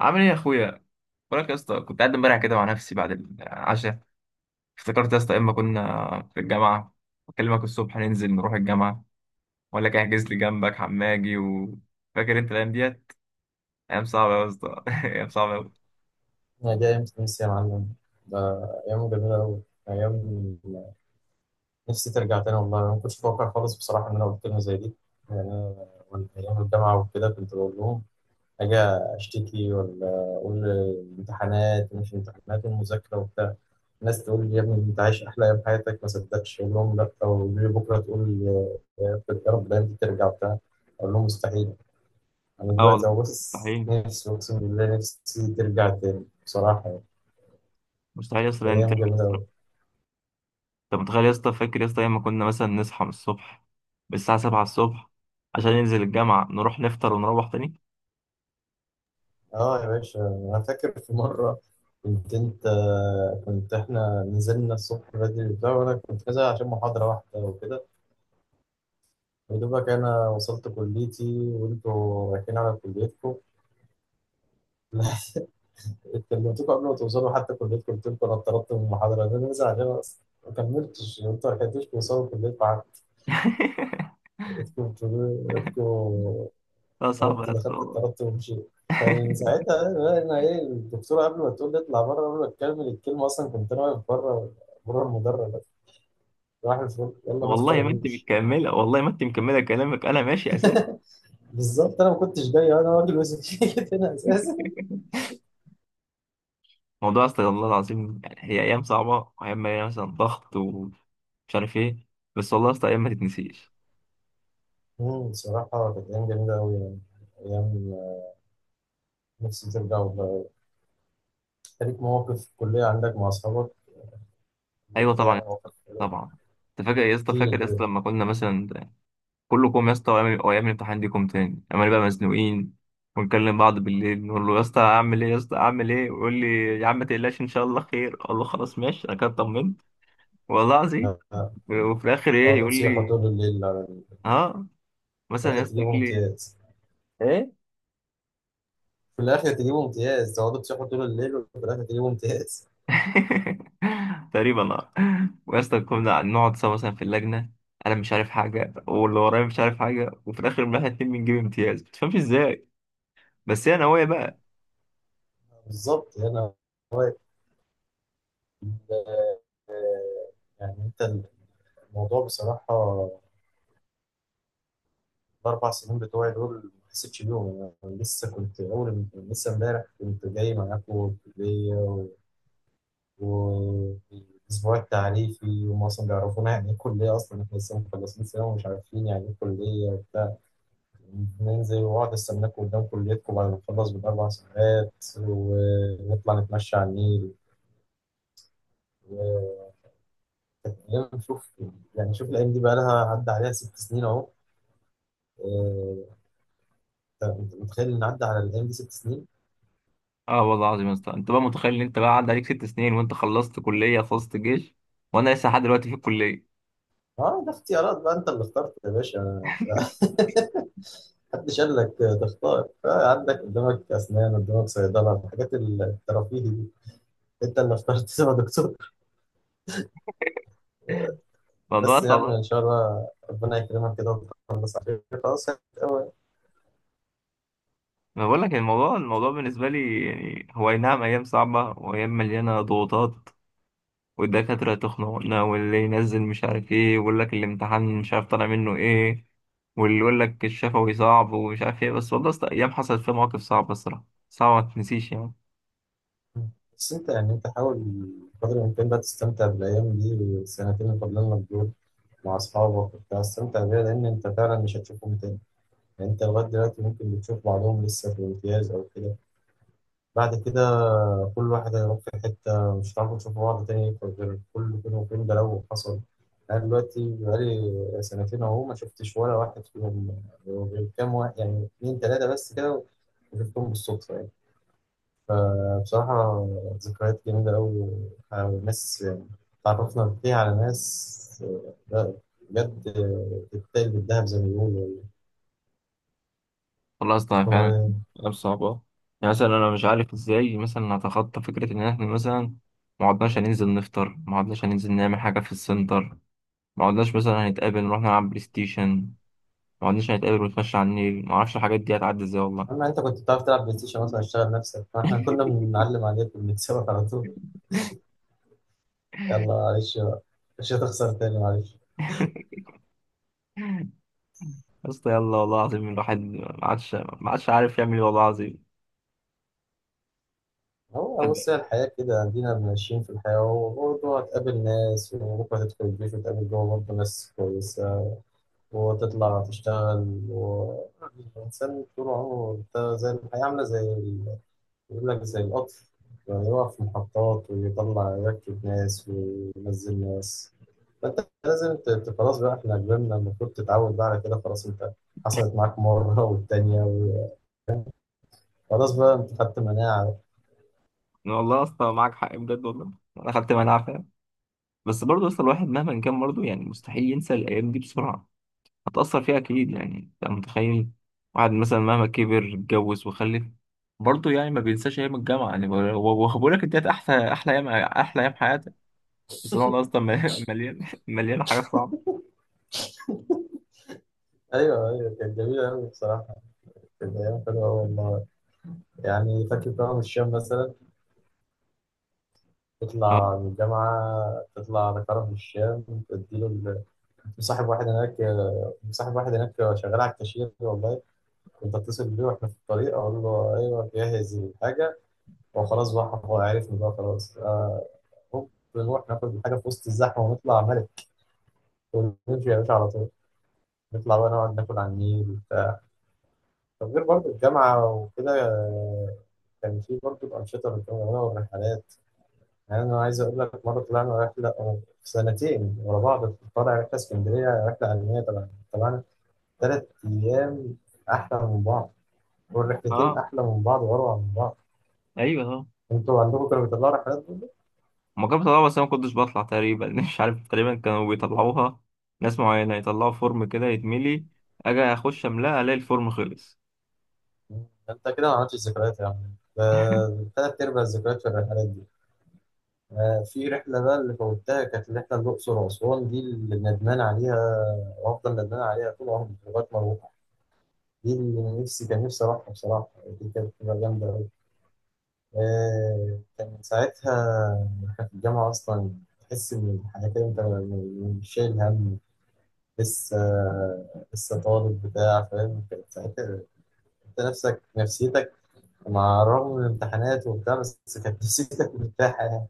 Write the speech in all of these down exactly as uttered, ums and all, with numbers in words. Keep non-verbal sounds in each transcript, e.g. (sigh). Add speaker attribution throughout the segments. Speaker 1: عامل ايه يا اخويا؟ بقولك يا اسطى، كنت قاعد امبارح كده مع نفسي بعد العشاء. افتكرت يا اسطى اما كنا في الجامعه اكلمك الصبح ننزل نروح الجامعه ولا كان احجز لي جنبك حماجي، وفاكر انت الايام ديت؟ ايام صعبه يا اسطى (laughs) ايام صعبه أوي.
Speaker 2: أنا جاي أيام تونس يا معلم، ده أيام جميلة أوي، أيام نفسي ترجع تاني. والله أنا ما كنتش متوقع خالص بصراحة إن أنا قلت لهم زي دي. يعني أنا وأنا أيام الجامعة وكده كنت بقول لهم أجي أشتكي، ولا أقول الامتحانات ومش الامتحانات والمذاكرة وبتاع. الناس تقول لي يا ابني أنت عايش أحلى أيام حياتك، ما صدقتش أقول لهم لأ، ويقولوا لي بكرة تقول يا رب يا رب الأيام دي ترجع وبتاع. أقول لهم مستحيل. أنا
Speaker 1: اه والله،
Speaker 2: دلوقتي أبص
Speaker 1: مستحيل،
Speaker 2: نفسي، أقسم بالله نفسي ترجع تاني بصراحة يعني.
Speaker 1: مستحيل يا اسطى يعني
Speaker 2: أيام
Speaker 1: ترجع
Speaker 2: جميلة
Speaker 1: الصراحة.
Speaker 2: أوي.
Speaker 1: انت متخيل يا اسطى؟ فاكر يا اسطى ايام ما كنا مثلا نصحى من الصبح، من الساعة سبعة الصبح، عشان ننزل الجامعة نروح نفطر ونروح تاني.
Speaker 2: اه يا باشا، انا فاكر في مره كنت انت كنت احنا نزلنا الصبح بدري وبتاع، وانا كنت نازل عشان محاضره واحده وكده. يا دوبك انا وصلت كليتي وانتوا رايحين على كليتكم. (laughs) كلمتكم قبل ما توصلوا حتى كليتكم، قلت لكم انا اتطردت من المحاضره، انا نازل عشان أصلاً ما كملتش، انتوا ما لحقتوش توصلوا كليتكم حتى.
Speaker 1: (laughs)
Speaker 2: انتوا بتقولوا- انتوا
Speaker 1: لا صعب
Speaker 2: طردت
Speaker 1: يا اسطى
Speaker 2: دخلت
Speaker 1: والله.
Speaker 2: اتطردت ومشيت. كان ساعتها انا أنا ايه الدكتوره، قبل ما تقول لي اطلع بره، قبل ما تكمل الكلمه اصلا كنت انا واقف بره، بره المدرج. راح الفل يلا نفطر
Speaker 1: والله ما انت
Speaker 2: ونمشي.
Speaker 1: مكمله، والله ما انت مكمله كلامك، انا ماشي اساسا.
Speaker 2: بالظبط انا ما كنتش جاي، انا راجل وسكيت (laughs) هنا اساسا.
Speaker 1: موضوع استغفر الله العظيم، يعني هي ايام صعبه وايام مليانه مثلا ضغط ومش عارف ايه، بس والله يا اسطى ايام ما تتنسيش.
Speaker 2: مم، بصراحه كانت ايام جميله قوي يعني. ايام نفسي ترجع والله. ليك مواقف في الكليه عندك مع اصحابك اللي
Speaker 1: ايوه
Speaker 2: كده
Speaker 1: طبعا يا
Speaker 2: يعني،
Speaker 1: اسطى،
Speaker 2: مواقف حلوة.
Speaker 1: طبعا. انت فاكر يا اسطى؟
Speaker 2: احكي لي
Speaker 1: فاكر يا اسطى
Speaker 2: كده.
Speaker 1: لما كنا مثلا كله كوم يا اسطى، وايام وايام الامتحان دي كوم تاني، اما نبقى مزنوقين ونكلم بعض بالليل، نقول له يا اسطى اعمل ايه يا اسطى اعمل ايه، ويقول لي يا عم ما تقلقش ان شاء الله خير. اقول له خلاص ماشي، انا كده اطمنت والله العظيم.
Speaker 2: آه، آه.
Speaker 1: وفي الاخر ايه
Speaker 2: تقعدوا
Speaker 1: يقول
Speaker 2: تصيحوا
Speaker 1: لي؟
Speaker 2: طول الليل على ال-
Speaker 1: اه
Speaker 2: في
Speaker 1: مثلا
Speaker 2: الاخر
Speaker 1: يا اسطى
Speaker 2: تجيبوا
Speaker 1: يقول لي
Speaker 2: امتياز.
Speaker 1: ايه؟
Speaker 2: في الاخر تجيبوا امتياز، تقعدوا تصيحوا طول الليل وفي الاخر تجيبوا امتياز.
Speaker 1: (laughs) تقريبا اه. ويا اسطى كنا نقعد سوا مثلا في اللجنه، انا مش عارف حاجه، واللي ورايا مش عارف حاجه، وفي الاخر إن احنا اتنين بنجيب امتياز ما تفهمش ازاي. بس هي نوايا بقى.
Speaker 2: (laughs) بالظبط هنا. هو ال- يعني انت الموضوع بصراحه، الاربع سنين بتوعي دول ما حسيتش بيهم انا. يعني لسه كنت اول لسه امبارح كنت جاي معاكم الكليه و... و... الاسبوع التعريفي، وهم اصلا بيعرفونا يعني ايه كليه، اصلا احنا لسه مخلصين ثانوي ومش عارفين يعني ايه كليه. ننزل واقعد استناك قدام كليتكم بعد ما نخلص بالأربع ساعات ونطلع نتمشى على النيل. وكان شوف، يعني شوف الأيام دي بقى لها عدى عليها ست سنين أهو. آه، أنت أنت متخيل إن عدى على الأيام دي ست سنين؟
Speaker 1: اه والله العظيم يا اسطى، انت بقى متخيل ان انت بقى عدى عليك ست سنين، وانت خلصت كليه، خلصت الجيش، وانا لسه لحد دلوقتي في الكليه.
Speaker 2: أه، ده اختيارات بقى، أنت اللي اخترت يا باشا. (laughs) محدش قال لك تختار. آه، عندك قدامك أسنان، قدامك صيدلة، الحاجات الترفيهي دي. أنت اللي اخترت تبقى دكتور.
Speaker 1: الموضوع
Speaker 2: بس يا عم ان
Speaker 1: طبعا.
Speaker 2: شاء الله ربنا يكرمك كده وتخلص عليك خلاص قوي.
Speaker 1: ما بقول لك، الموضوع الموضوع بالنسبه لي يعني، هو اي نعم ايام صعبه وايام مليانه ضغوطات، والدكاترة تخنقنا، واللي ينزل مش عارف ايه ويقول لك الامتحان مش عارف طالع منه ايه، واللي يقول لك الشفوي صعب ومش عارف ايه، بس والله أصلاً أيام حصلت فيها مواقف صعبة الصراحة، صعبة ما تنسيش يعني.
Speaker 2: بس انت يعني انت حاول قدر الامكان بقى تستمتع بالايام دي، السنتين اللي فاضلين لك دول، مع اصحابك وبتاع. استمتع بيها، لان انت فعلا مش هتشوفهم تاني. يعني انت لغايه دلوقتي ممكن بتشوف بعضهم لسه في الامتياز او كده، بعد كده كل واحد هيروح في حتة، مش هتعرفوا تشوفوا بعض تاني غير كل فين وفين، ده لو حصل. أنا دلوقتي بقالي سنتين أهو، ما شفتش ولا واحد فيهم غير كام واحد، يعني اتنين تلاتة بس كده، وشفتهم بالصدفة يعني. فبصراحة ذكريات جميلة أوي، وناس تعرفنا فيها على ناس، لا، بجد، آه، تتقل بالذهب زي ما بيقولوا يعني.
Speaker 1: والله أصلا فعلا
Speaker 2: و-
Speaker 1: أيام صعبة. يعني مثلا أنا مش عارف ازاي مثلا أتخطى فكرة إن احنا مثلا ما عدناش هننزل نفطر، ما عدناش هننزل نعمل حاجة في السنتر، ما عدناش مثلا هنتقابل نروح نلعب بلاي ستيشن، ما عدناش هنتقابل ونتمشى على النيل. ما أعرفش الحاجات دي هتعدي ازاي والله.
Speaker 2: أما أنت كنت بتعرف تلعب بلاي ستيشن مثلا اشتغل نفسك، فإحنا كنا بنعلم عليك وبنتسابق على طول، يلا معلش بقى. مش هتخسر تاني معلش.
Speaker 1: (laughs) يا اسطى يلا، والله العظيم الواحد ما عادش ما عادش عارف يعمل ايه، والله العظيم.
Speaker 2: هو
Speaker 1: الواحد-
Speaker 2: بص، هي الحياة كده، عندنا ماشيين في الحياة وبرضه هتقابل ناس، وبكرة هتدخل الجيش وتقابل جوه برضه ناس كويسة، وتطلع تشتغل و... يعني الإنسان طول عمره ده زي الحياة، عاملة زي ال... بيقول لك زي القطر، يعني يقف في محطات ويطلع يركب ناس وينزل ناس. فأنت لازم ت... ت- خلاص بقى إحنا كبرنا، المفروض تتعود بقى على كده. خلاص أنت حصلت معاك مرة والتانية و... خلاص بقى انت خدت مناعة.
Speaker 1: والله يا اسطى معاك حق بجد، والله انا خدت مناعه فعلا. بس برضه يا اسطى الواحد مهما كان برضه، يعني مستحيل ينسى الايام دي بسرعه، هتاثر فيها اكيد يعني. انت متخيل؟ واحد مثلا مهما كبر اتجوز وخلف، برضه يعني ما بينساش ايام الجامعه يعني. وبقول لك ديت احسن احلى ايام احلى ايام حياتك، بس والله يا اسطى مليان (laughs) مليان حاجات صعبه.
Speaker 2: ايوه ايوه، كانت جميله قوي بصراحه، كانت ايام حلوه أوي والله. يعني فاكر كرم الشام مثلا،
Speaker 1: اه
Speaker 2: تطلع من الجامعه تطلع لكرم الشام تديله ال- كنت مصاحب واحد هناك، مصاحب واحد هناك شغال على الكاشير والله. كنت اتصل بيه واحنا في الطريق اقول له ايوه جهز الحاجه، وخلاص بقى هو عارفني بقى خلاص. آه، هوب، نروح ناخد الحاجه في وسط الزحمه ونطلع ملك ونمشي يا باشا على طول، نطلع بقى نقعد ناكل على النيل. طب غير برضه الجامعة وكده، آه، كان في برضه أنشطة بنكونها والرحلات. يعني أنا عايز أقول لك، مرة طلعنا رحلة، آه، سنتين ورا بعض طالع رحلة اسكندرية، رحلة علمية طبعا طبعا، تلات أيام أحلى من بعض، والرحلتين
Speaker 1: اه،
Speaker 2: أحلى من بعض وأروع من بعض.
Speaker 1: ايوه آه.
Speaker 2: أنتوا عندكم كانوا بيطلعوا رحلات برضه؟
Speaker 1: هما كانوا بيطلعوها بس أنا ما كنتش بطلع تقريبا، (laughs) مش عارف، تقريبا كانوا بيطلعوها ناس معينة، يطلعوا فورم كده يتملي، أجي أخش أملاه ألاقي الفورم خلص.
Speaker 2: مم. أنت كده ما عملتش ذكريات يا عم، ده تلات أرباع الذكريات في الرحلات دي. آه، في رحلة بقى اللي فوتها كانت الرحلة الأقصر وأسوان، دي اللي ندمان عليها وأفضل ندمان عليها طول عمري لغاية ما أروح. دي اللي نفسي كان نفسي أروحها بصراحة، دي كانت بتبقى جامدة أوي. آه، كان ساعتها إحنا في الجامعة أصلا، تحس إن الحياة كده أنت م- مش شايل هم لسه لسه طالب بتاع، فاهم. كانت ساعتها أنت نفسك نفسيتك، مع الرغم من الامتحانات وبتاع، بس كانت (laughs) نفسيتك مرتاحة يعني.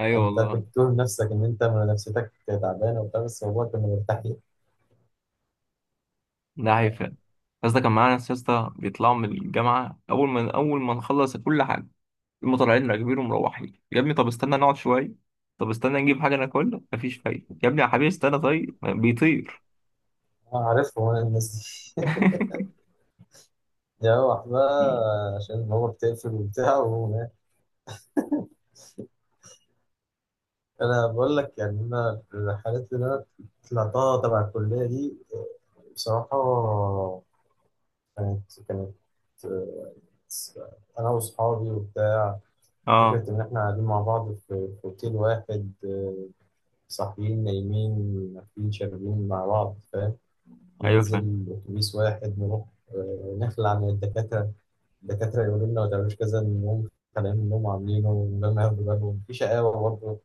Speaker 1: أيوة
Speaker 2: أنت
Speaker 1: والله.
Speaker 2: كنت تقول نفسك إن أنت نفسيتك تعبانة وبتاع، بس هو كان مرتاح ليه.
Speaker 1: ده حقيقي فعلا. بس ده كان معانا ناس يا اسطى بيطلعوا من الجامعة أول ما أول ما نخلص كل حاجة، هما طالعين راكبين ومروحين. يا ابني طب استنى نقعد شوية، طب استنى نجيب حاجة ناكلها. مفيش فايدة يا ابني، يا حبيبي استنى طيب، بيطير.
Speaker 2: أنا عارفهم أنا الناس دي. (laughs) يروح بقى عشان هو بتقفل وبتاع. انا بقول لك يعني، انا الرحلات اللي انا طلعتها تبع الكليه دي، آه، بصراحه كانت كانت آه، انا واصحابي وبتاع،
Speaker 1: (laughs) اه،
Speaker 2: فكره ان احنا قاعدين مع بعض في في اوتيل واحد، آه، صاحيين نايمين واكلين شاربين مع بعض فاهم،
Speaker 1: ايوه فاهم.
Speaker 2: ننزل اتوبيس واحد نروح، آه، نخلع عن الدكاتره، الدكاتره يقولوا لنا ما تعملوش كذا، نقوم خالعين منهم عاملينه من غير ما ياخدوا بالهم، في شقاوه برضه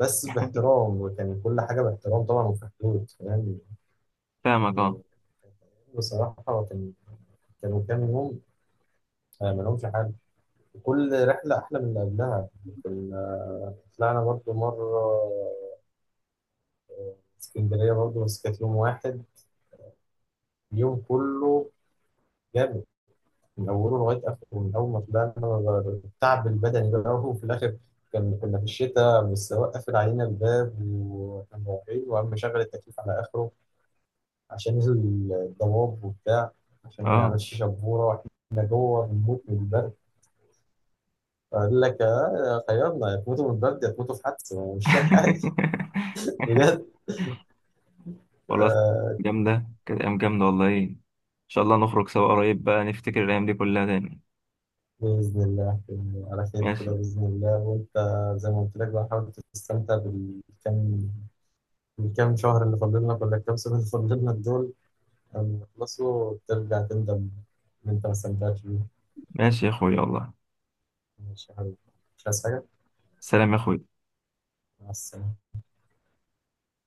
Speaker 2: بس
Speaker 1: (laughs)
Speaker 2: باحترام، وكان كل حاجة باحترام طبعا وفي حدود فاهم.
Speaker 1: فاهمك
Speaker 2: يعني
Speaker 1: اه.
Speaker 2: بصراحة كان كانوا كام يوم آه، ملهمش حل، كل رحلة أحلى من اللي قبلها. كنا طلعنا برضو مرة اسكندرية برضو بس كانت يوم واحد، اليوم كله جامد من أوله لغاية آخره. من أول ما طلعنا التعب البدني بقى (laughs) وفي الآخر، كان كنا في الشتاء، والسواق قافل علينا الباب واحنا رايحين، وقام مشغل التكييف على آخره عشان نزل الضباب وبتاع، عشان ما
Speaker 1: اه.
Speaker 2: يعملش شبورة، واحنا جوه بنموت من البرد. فقال لك آه، خيرنا يا تموتوا من البرد يا تموتوا في حادثة أنا مش شايف حاجة.
Speaker 1: (laughs)
Speaker 2: (laughs) بجد.
Speaker 1: خلاص.
Speaker 2: آه
Speaker 1: جامدة، كانت أيام جامدة والله. إن شاء الله نخرج سوا قريب بقى، نفتكر الأيام دي كلها تاني.
Speaker 2: بإذن الله كده، على خير
Speaker 1: ماشي.
Speaker 2: كده بإذن الله. وأنت زي ما قلت لك بقى، حاول تستمتع بالكام، الكام شهر اللي فاضلنا ولا الكام سنة اللي فاضلنا دول، لما يخلصوا ترجع تندم إن أنت ما استمتعتش بيهم.
Speaker 1: ماشي يا أخوي والله.
Speaker 2: ماشي يا حبيبي، مش عايز حاجة.
Speaker 1: سلام يا أخوي.
Speaker 2: مع السلامة.